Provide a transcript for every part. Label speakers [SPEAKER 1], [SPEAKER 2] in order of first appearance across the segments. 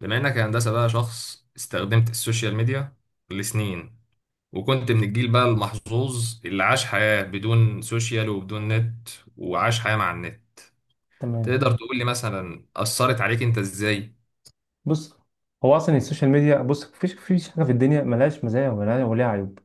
[SPEAKER 1] بما انك يا هندسه بقى شخص استخدمت السوشيال ميديا لسنين، وكنت من الجيل بقى المحظوظ اللي عاش حياه بدون سوشيال وبدون نت، وعاش حياه مع النت.
[SPEAKER 2] تمام.
[SPEAKER 1] تقدر تقول لي مثلا اثرت عليك انت ازاي؟
[SPEAKER 2] بص، هو اصلا السوشيال ميديا، بص، مفيش حاجه في الدنيا ملهاش مزايا، وملهاش وليها عيوب.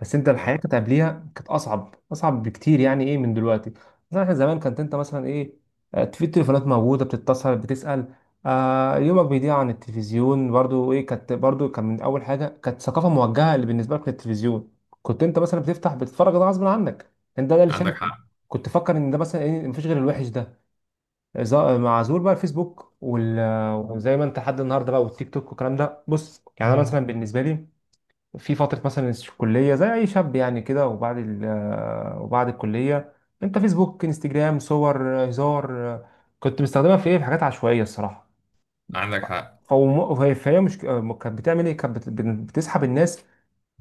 [SPEAKER 2] بس انت
[SPEAKER 1] تمام.
[SPEAKER 2] الحياه كانت قبليها، كانت اصعب اصعب بكتير، يعني ايه من دلوقتي. مثلا احنا زمان كانت انت مثلا ايه، في التليفونات موجوده، بتتصل، بتسال، يومك بيضيع عن التلفزيون، برضو ايه كانت، برضو كان من اول حاجه كانت ثقافه موجهه اللي بالنسبه لك للتلفزيون، كنت انت مثلا بتفتح بتتفرج، ده غصب عنك، انت ده اللي
[SPEAKER 1] عندك
[SPEAKER 2] شايفه،
[SPEAKER 1] حق.
[SPEAKER 2] كنت فاكر ان ده مثلا ايه مفيش غير الوحش ده. مع ظهور بقى الفيسبوك وزي ما انت لحد النهارده بقى، والتيك توك والكلام ده، بص يعني انا
[SPEAKER 1] مهم.
[SPEAKER 2] مثلا بالنسبه لي، في فتره مثلا الكليه زي اي شاب يعني كده، وبعد الكليه، انت فيسبوك، انستجرام، صور، هزار، كنت مستخدمها في ايه، في حاجات عشوائيه الصراحه.
[SPEAKER 1] عندك حق.
[SPEAKER 2] فهي مش كانت بتعمل ايه، كانت بتسحب الناس،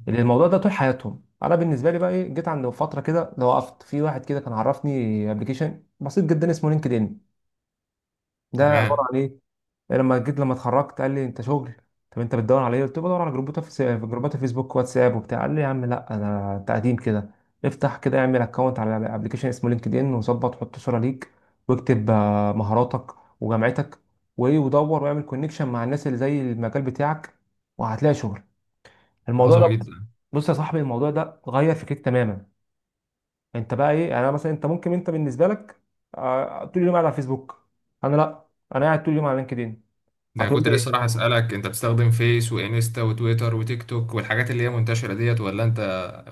[SPEAKER 2] اللي الموضوع ده طول حياتهم. انا بالنسبه لي بقى ايه، جيت عند فتره كده، لو وقفت في واحد كده كان عرفني ابلكيشن بسيط جدا اسمه لينكد ان، ده عباره
[SPEAKER 1] تمام.
[SPEAKER 2] عن ايه. لما جيت، لما اتخرجت، قال لي انت شغل؟ طب انت بتدور على ايه؟ قلت له بدور على جروبات، في جروبات فيسبوك، واتساب، وبتاع. قال لي يا عم لا، انا تقديم كده، افتح كده اعمل اكونت على ابلكيشن اسمه لينكد ان، وظبط، حط صوره ليك، واكتب مهاراتك وجامعتك وايه، ودور واعمل كونكشن مع الناس اللي زي المجال بتاعك، وهتلاقي شغل. الموضوع
[SPEAKER 1] عظمه
[SPEAKER 2] ده، بص،
[SPEAKER 1] جدا.
[SPEAKER 2] بص يا صاحبي، الموضوع ده غير فكرك تماما. انت بقى ايه يعني، انا مثلا، انت ممكن انت بالنسبه لك طول اليوم قاعد على فيسبوك، انا لا، انا قاعد طول اليوم على لينكد ان.
[SPEAKER 1] ده انا
[SPEAKER 2] هتقول
[SPEAKER 1] كنت لسه
[SPEAKER 2] لي
[SPEAKER 1] راح اسالك، انت بتستخدم فيس وانستا وتويتر وتيك توك والحاجات اللي هي منتشره ديت ولا انت؟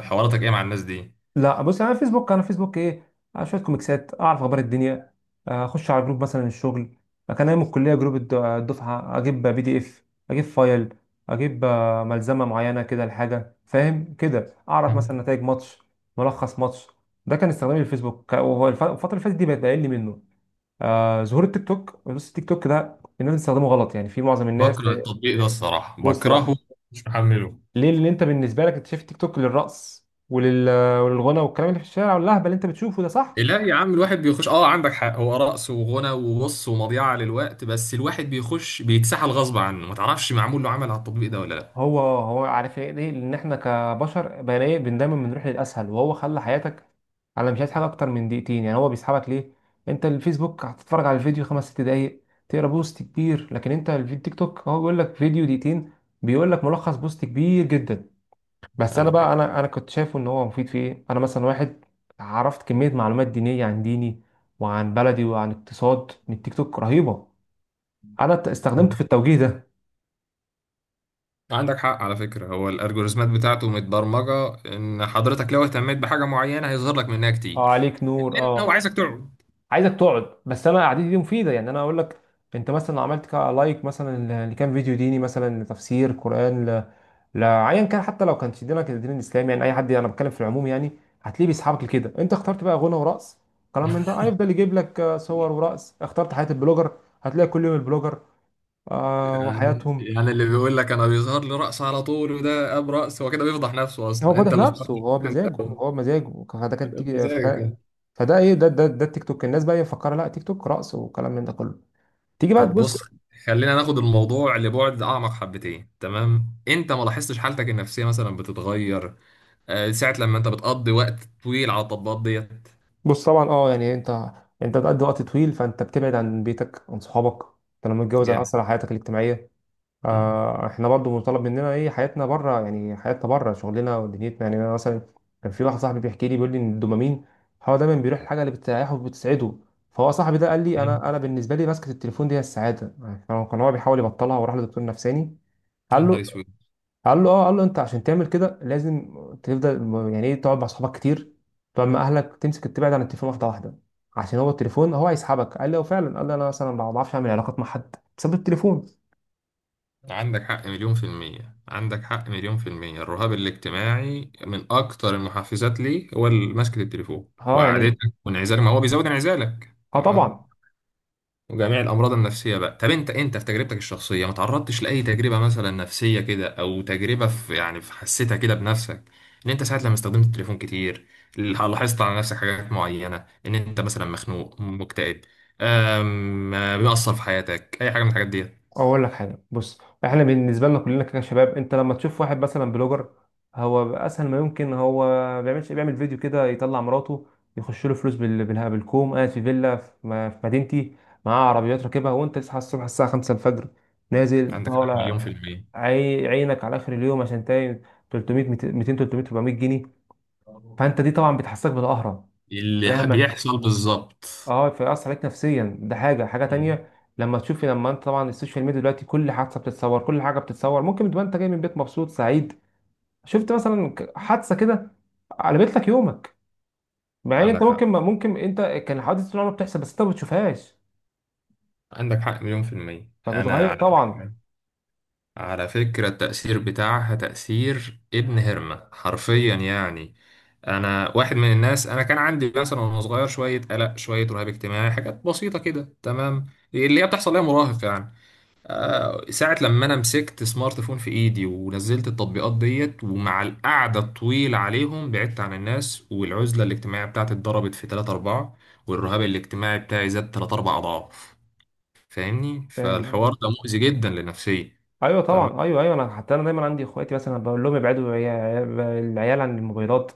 [SPEAKER 1] حواراتك ايه مع الناس دي؟
[SPEAKER 2] لا، بص، انا فيسبوك ايه، شويه كوميكسات، اعرف اخبار الدنيا، اخش على جروب مثلا الشغل، كان ايام الكليه جروب الدفعه، اجيب PDF، اجيب فايل، اجيب ملزمه معينه كده لحاجه، فاهم كده، اعرف مثلا نتائج ماتش، ملخص ماتش. ده كان استخدامي للفيسبوك، وهو الفتره اللي فاتت دي بقت اقل منه. ظهور التيك توك، بص التيك توك ده الناس بتستخدمه غلط، يعني في معظم الناس.
[SPEAKER 1] بكره التطبيق ده الصراحه،
[SPEAKER 2] بص
[SPEAKER 1] بكرهه،
[SPEAKER 2] بقى،
[SPEAKER 1] مش محمله.
[SPEAKER 2] ليه؟ لان انت بالنسبه لك اكتشفت تيك توك للرقص وللغنى والكلام اللي في الشارع واللهبل اللي انت بتشوفه ده، صح؟
[SPEAKER 1] لا يا عم الواحد بيخش، اه عندك حق، هو رقص وغنى وبص ومضيعة للوقت، بس الواحد بيخش بيتسحل غصب عنه. ما تعرفش معمول له عمل على التطبيق ده ولا لا؟
[SPEAKER 2] هو عارف ايه، ليه؟ لان احنا كبشر بقينا ايه، دايما بنروح للاسهل، وهو خلى حياتك، انا مش عايز حاجه اكتر من دقيقتين يعني. هو بيسحبك ليه؟ انت الفيسبوك هتتفرج على الفيديو خمس ست دقايق، تقرا بوست كبير، لكن انت الفيديو تيك توك هو بيقول لك فيديو دقيقتين، بيقول لك ملخص بوست كبير جدا. بس انا
[SPEAKER 1] عندك
[SPEAKER 2] بقى،
[SPEAKER 1] حق.
[SPEAKER 2] انا كنت شايفه ان هو مفيد في ايه. انا مثلا واحد، عرفت كميه معلومات دينيه عن ديني وعن بلدي وعن اقتصاد من التيك توك رهيبه، انا استخدمته في التوجيه ده.
[SPEAKER 1] عندك حق، على فكرة هو الالجوريزمات بتاعته متبرمجة ان حضرتك لو اهتميت بحاجة معينة هيظهر لك منها
[SPEAKER 2] اه
[SPEAKER 1] كتير،
[SPEAKER 2] عليك نور
[SPEAKER 1] لان هو
[SPEAKER 2] اه،
[SPEAKER 1] عايزك تقعد.
[SPEAKER 2] عايزك تقعد، بس انا قعدتي دي مفيده يعني، انا اقول لك، انت مثلا لو عملت لايك مثلا لكام فيديو ديني، مثلا لتفسير قران لايا كان، حتى لو كان دينك الدين الاسلامي يعني، اي حد، انا بتكلم في العموم يعني، هتلاقيه بيسحبك لكده. انت اخترت بقى غنى ورقص كلام من ده، هيفضل يجيب لك صور ورقص. اخترت حياه البلوجر، هتلاقي كل يوم البلوجر
[SPEAKER 1] يعني
[SPEAKER 2] وحياتهم.
[SPEAKER 1] يعني اللي بيقول لك انا بيظهر لي رقص على طول وده اب رقص، هو كده بيفضح نفسه،
[SPEAKER 2] هو
[SPEAKER 1] اصلا
[SPEAKER 2] فاتح
[SPEAKER 1] انت اللي اخترت
[SPEAKER 2] نفسه،
[SPEAKER 1] في
[SPEAKER 2] هو بمزاجه،
[SPEAKER 1] الأول.
[SPEAKER 2] هو بمزاجه، فده كان تيجي فده.
[SPEAKER 1] بمزاجك.
[SPEAKER 2] فده ايه، ده التيك توك، الناس بقى مفكره لا، تيك توك رقص وكلام من ده كله. تيجي بقى
[SPEAKER 1] طب
[SPEAKER 2] تبص.
[SPEAKER 1] بص، خلينا ناخد الموضوع لبعد اعمق حبتين. تمام، انت ما لاحظتش حالتك النفسيه مثلا بتتغير ساعه لما انت بتقضي وقت طويل على التطبيقات ديت؟
[SPEAKER 2] بص طبعا اه يعني، انت بتقضي وقت طويل، فانت بتبعد عن بيتك، عن صحابك، انت لما تتجوز
[SPEAKER 1] جامد.
[SPEAKER 2] هيأثر على حياتك الاجتماعيه.
[SPEAKER 1] مم.
[SPEAKER 2] احنا برضو مطالب مننا ايه، حياتنا بره يعني، حياتنا بره شغلنا ودنيتنا يعني. انا مثلا كان في واحد صاحبي بيحكي لي، بيقول لي ان الدوبامين هو دايما بيروح الحاجه اللي بتريحه وبتسعده. فهو صاحبي ده قال لي، انا
[SPEAKER 1] جامد.
[SPEAKER 2] بالنسبه لي ماسكه التليفون دي هي السعاده يعني، كان هو بيحاول يبطلها وراح لدكتور نفساني،
[SPEAKER 1] يا
[SPEAKER 2] قال
[SPEAKER 1] نهار
[SPEAKER 2] له
[SPEAKER 1] اسود.
[SPEAKER 2] قال له اه، قال له انت عشان تعمل كده لازم تفضل، يعني ايه، تقعد مع اصحابك كتير، تقعد مع اهلك، تمسك، تبعد عن التليفون واحده واحده، عشان هو التليفون هو هيسحبك. قال لي اه فعلا، قال لي انا مثلا ما بعرفش اعمل علاقات مع حد بسبب التليفون.
[SPEAKER 1] عندك حق مليون في المية، عندك حق مليون في المية. الرهاب الاجتماعي من أكتر المحفزات لي، هو ماسكة التليفون
[SPEAKER 2] اه يعني،
[SPEAKER 1] وقعدتك وانعزالك، ما هو بيزود انعزالك.
[SPEAKER 2] اه طبعا.
[SPEAKER 1] تمام، وجميع الامراض النفسيه بقى. طب انت، في تجربتك الشخصيه ما تعرضتش لاي تجربه مثلا نفسيه كده، او تجربه في، يعني في حسيتها كده بنفسك، ان انت ساعه لما استخدمت التليفون كتير لاحظت على نفسك حاجات معينه، ان انت مثلا مخنوق مكتئب؟ أم... بيأثر في حياتك اي حاجه من الحاجات دي؟
[SPEAKER 2] اقول لك حاجه، بص، احنا بالنسبه لنا كلنا كشباب، انت لما تشوف واحد مثلا بلوجر، هو اسهل ما يمكن، هو ما بيعملش، بيعمل فيديو كده يطلع مراته، يخش له فلوس بالها بالكوم، قاعد في فيلا في في مدينتي، معاه عربيات راكبها، وانت تصحى الصبح الساعه 5 الفجر، نازل
[SPEAKER 1] عندك حق مليون
[SPEAKER 2] طالع،
[SPEAKER 1] في المية.
[SPEAKER 2] عينك على اخر اليوم عشان تاين 300 200 300 400 جنيه، فانت دي طبعا بتحسسك بالقهره،
[SPEAKER 1] بيحصل بالظبط.
[SPEAKER 2] اه فيأثر عليك نفسيا. ده حاجة
[SPEAKER 1] مم.
[SPEAKER 2] تانية، لما تشوفي، لما انت طبعا السوشيال ميديا دلوقتي كل حادثة بتتصور، كل حاجة بتتصور، ممكن تبقى انت جاي من بيت مبسوط سعيد، شفت مثلا حادثة كده قلبت لك يومك، مع ان انت
[SPEAKER 1] عندك حق.
[SPEAKER 2] ممكن انت كان الحوادث طول الوقت بتحصل، بس انت ما بتشوفهاش،
[SPEAKER 1] عندك حق مليون في المية. أنا
[SPEAKER 2] فبتغير
[SPEAKER 1] على
[SPEAKER 2] طبعا،
[SPEAKER 1] فكرة، على فكرة التأثير بتاعها تأثير ابن هرمة حرفيا يعني. أنا واحد من الناس، أنا كان عندي مثلا وأنا صغير شوية قلق، شوية رهاب اجتماعي، حاجات بسيطة كده، تمام، اللي هي بتحصل ليا مراهق يعني. ساعة لما أنا مسكت سمارت فون في إيدي ونزلت التطبيقات ديت، ومع القعدة الطويلة عليهم بعدت عن الناس، والعزلة الاجتماعية بتاعتي اتضربت في 3 4، والرهاب الاجتماعي بتاعي زاد 3 4 أضعاف. فاهمني؟
[SPEAKER 2] فاهم؟
[SPEAKER 1] فالحوار ده مؤذي جدا لنفسيتي.
[SPEAKER 2] ايوه
[SPEAKER 1] تمام.
[SPEAKER 2] طبعا، ايوه ايوه، انا حتى انا دايما عندي اخواتي مثلا بقول لهم ابعدوا العيال عن الموبايلات،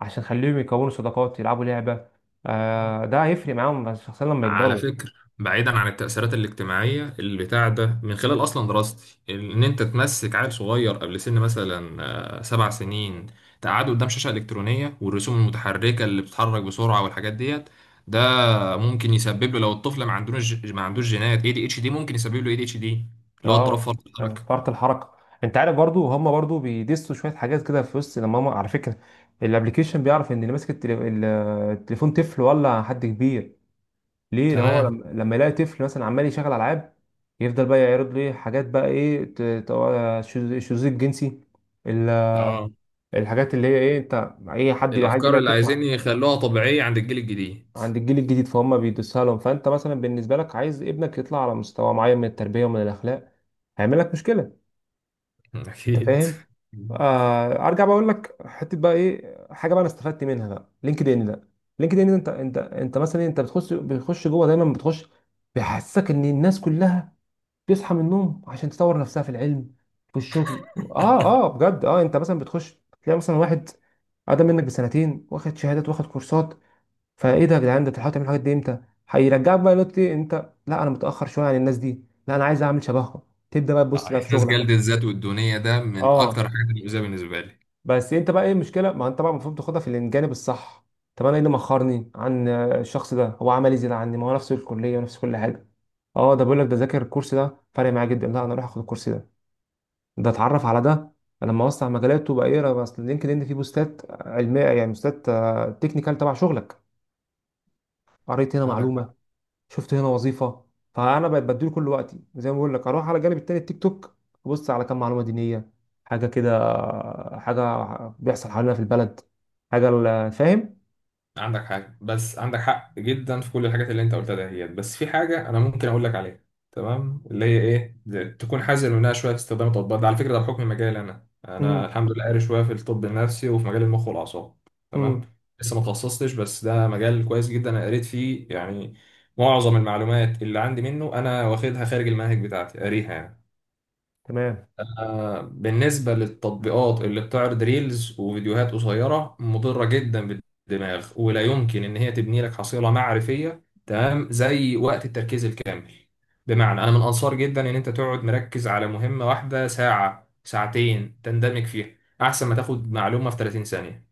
[SPEAKER 2] عشان خليهم يكونوا صداقات، يلعبوا لعبة، ده هيفرق معاهم شخصيا لما
[SPEAKER 1] على
[SPEAKER 2] يكبروا.
[SPEAKER 1] فكرة، بعيدا عن التأثيرات الاجتماعية البتاع ده، من خلال أصلا دراستي، إن أنت تمسك عيل صغير قبل سن مثلا 7 سنين، تقعده قدام شاشة إلكترونية، والرسوم المتحركة اللي بتتحرك بسرعة والحاجات ديت، ده ممكن يسبب له، لو الطفل ما عندوش جينات اي دي اتش دي، ممكن يسبب له اي دي اتش دي، اللي هو اضطراب
[SPEAKER 2] اه،
[SPEAKER 1] فرط الحركة.
[SPEAKER 2] فرط الحركه. انت عارف برضو، هم برضو بيدسوا شويه حاجات كده في وسط، لما هم على فكره الابليكيشن بيعرف ان اللي ماسك التليفون طفل ولا حد كبير، ليه؟ ده هو
[SPEAKER 1] تمام.
[SPEAKER 2] لما يلاقي طفل مثلا عمال يشغل العاب، يفضل بقى يعرض له إيه، حاجات بقى ايه، الشذوذ الجنسي، ال-
[SPEAKER 1] اه،
[SPEAKER 2] الحاجات اللي هي ايه، انت اي حد عايز
[SPEAKER 1] الأفكار
[SPEAKER 2] يبقى
[SPEAKER 1] اللي
[SPEAKER 2] طفل
[SPEAKER 1] عايزين يخلوها طبيعية عند الجيل الجديد.
[SPEAKER 2] عند الجيل الجديد، فهم بيدسها لهم. فانت مثلا بالنسبه لك عايز ابنك يطلع على مستوى معين من التربيه ومن الاخلاق، هيعمل لك مشكله، انت
[SPEAKER 1] أكيد.
[SPEAKER 2] فاهم؟ ارجع بقول لك حته بقى ايه، حاجه بقى انا استفدت منها بقى لينكد ان ده. لينكد ان ده انت، انت مثلا إيه، انت بتخش جوه، دايما بتخش، بيحسسك ان الناس كلها بتصحى من النوم عشان تطور نفسها في العلم، في الشغل، اه اه بجد، اه انت مثلا بتخش تلاقي مثلا واحد اقدم منك بسنتين، واخد شهادات، واخد كورسات، فايه ده يا جدعان، ده انت بتحاول تعمل الحاجات دي امتى؟ هيرجعك بقى نقطه إيه، انت لا، انا متاخر شويه عن الناس دي، لا انا عايز اعمل شبههم، تبدا بقى تبص بقى في
[SPEAKER 1] احساس
[SPEAKER 2] شغلك.
[SPEAKER 1] جلد الذات والدونيه ده من اكتر
[SPEAKER 2] اه،
[SPEAKER 1] الحاجات المؤذيه بالنسبه لي.
[SPEAKER 2] بس انت بقى ايه المشكله؟ ما انت بقى المفروض تاخدها في الجانب الصح. طب انا ايه اللي مأخرني عن الشخص ده؟ هو عمل ايه زياده عني؟ ما هو نفس الكليه ونفس كل حاجه. اه ده بيقول لك ده ذاكر الكورس ده، فرق معاه جدا، لا انا اروح اخد الكورس ده، ده اتعرف على ده، لما اوسع مجالاته بقى ايه. بس لينكد ان فيه بوستات علميه يعني، بوستات تكنيكال تبع شغلك، قريت هنا
[SPEAKER 1] عندك حق.
[SPEAKER 2] معلومه، شفت هنا وظيفه، فانا بقيت بديله كل وقتي، زي ما بقول لك، اروح على الجانب التاني التيك توك، ابص على كام معلومه دينيه، حاجه كده، حاجه بيحصل حوالينا في البلد، حاجه فاهم.
[SPEAKER 1] عندك حاجة، بس عندك حق جدا في كل الحاجات اللي انت قلتها دهيت، بس في حاجة انا ممكن اقول لك عليها، تمام؟ اللي هي تكون حذر منها شوية في استخدام التطبيقات ده. على فكرة، ده بحكم مجالي انا، انا
[SPEAKER 2] امم.
[SPEAKER 1] الحمد لله قاري شوية في الطب النفسي وفي مجال المخ والاعصاب. تمام.
[SPEAKER 2] امم.
[SPEAKER 1] لسه ما تخصصتش، بس ده مجال كويس جدا انا قريت فيه يعني. معظم المعلومات اللي عندي منه انا واخدها خارج المنهج بتاعتي، قاريها يعني.
[SPEAKER 2] تمام.
[SPEAKER 1] بالنسبة للتطبيقات اللي بتعرض ريلز وفيديوهات قصيرة، مضرة جدا بالدماغ، ولا يمكن إن هي تبني لك حصيلة معرفية تمام زي وقت التركيز الكامل. بمعنى، أنا من أنصار جدا إن أنت تقعد مركز على مهمة واحدة ساعة ساعتين تندمج فيها، أحسن ما تاخد معلومة في 30 ثانية.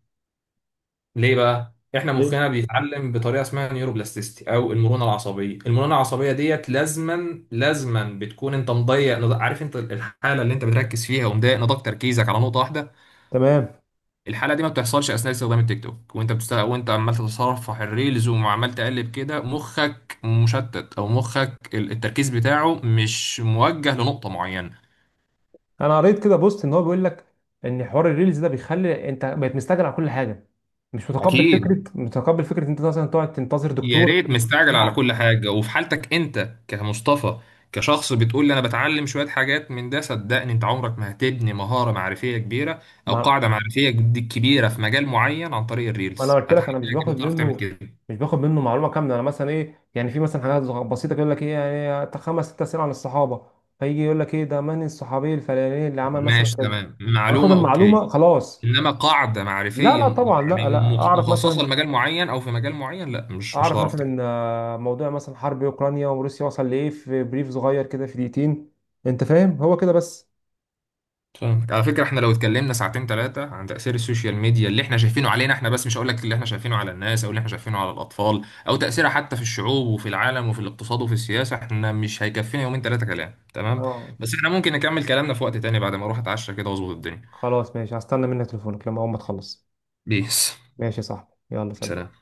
[SPEAKER 1] ليه بقى؟ احنا
[SPEAKER 2] ايه،
[SPEAKER 1] مخنا بيتعلم بطريقه اسمها نيوروبلاستيستي او المرونه العصبيه. المرونه العصبيه ديت لازما بتكون انت مضيق عارف، انت الحاله اللي انت بتركز فيها ومضايق نضاق تركيزك على نقطه واحده.
[SPEAKER 2] تمام.
[SPEAKER 1] الحاله دي ما بتحصلش اثناء استخدام التيك توك، وانت عمال تتصفح الريلز وعمال تقلب كده، مخك مشتت، او مخك التركيز بتاعه مش موجه لنقطه معينه.
[SPEAKER 2] انا قريت كده بوست ان هو بيقول لك ان حوار الريلز ده بيخلي انت بقيت مستعجل على كل حاجه، مش متقبل فكره،
[SPEAKER 1] أكيد.
[SPEAKER 2] متقبل فكره إن انت مثلا تقعد تنتظر
[SPEAKER 1] يا
[SPEAKER 2] دكتور
[SPEAKER 1] ريت مستعجل على
[SPEAKER 2] ساعه.
[SPEAKER 1] كل حاجة. وفي حالتك انت كمصطفى، كشخص بتقول لي انا بتعلم شوية حاجات من ده، صدقني انت عمرك ما هتبني مهارة معرفية كبيرة، او
[SPEAKER 2] ما
[SPEAKER 1] قاعدة معرفية كبيرة في مجال معين عن طريق
[SPEAKER 2] ما انا
[SPEAKER 1] الريلز.
[SPEAKER 2] قلت لك
[SPEAKER 1] هتحتاج
[SPEAKER 2] انا مش باخد
[SPEAKER 1] انت تعرف تعمل
[SPEAKER 2] منه،
[SPEAKER 1] كده.
[SPEAKER 2] مش باخد منه معلومه كامله، انا مثلا ايه يعني، في مثلا حاجات بسيطه كده، يقول لك ايه يعني، تا خمس ست اسئله عن الصحابه، فيجي يقول لك ايه ده، من الصحابي الفلاني اللي عمل مثلا
[SPEAKER 1] ماشي،
[SPEAKER 2] كذا،
[SPEAKER 1] تمام،
[SPEAKER 2] اخد صح
[SPEAKER 1] معلومة، اوكي.
[SPEAKER 2] المعلومه خلاص.
[SPEAKER 1] انما قاعدة
[SPEAKER 2] لا
[SPEAKER 1] معرفية
[SPEAKER 2] لا طبعا،
[SPEAKER 1] يعني
[SPEAKER 2] لا لا، اعرف
[SPEAKER 1] مخصصة
[SPEAKER 2] مثلا
[SPEAKER 1] لمجال معين، او في مجال معين، لا مش
[SPEAKER 2] اعرف
[SPEAKER 1] هتعرف.
[SPEAKER 2] مثلا موضوع مثلا حرب اوكرانيا وروسيا وصل لايه، في بريف صغير كده في دقيقتين، انت فاهم، هو كده بس.
[SPEAKER 1] فاهمك. على فكرة، احنا لو اتكلمنا ساعتين ثلاثة عن تأثير السوشيال ميديا اللي احنا شايفينه علينا احنا بس، مش هقول لك اللي احنا شايفينه على الناس، او اللي احنا شايفينه على الأطفال، او تأثيرها حتى في الشعوب وفي العالم وفي الاقتصاد وفي السياسة، احنا مش هيكفينا يومين ثلاثة كلام، تمام؟
[SPEAKER 2] اه
[SPEAKER 1] بس احنا ممكن نكمل كلامنا في وقت تاني بعد ما اروح اتعشى كده واظبط الدنيا.
[SPEAKER 2] خلاص ماشي، هستنى منك تليفونك لما اول ما تخلص.
[SPEAKER 1] بيس.
[SPEAKER 2] ماشي يا صاحبي، يلا سلام.
[SPEAKER 1] سلام.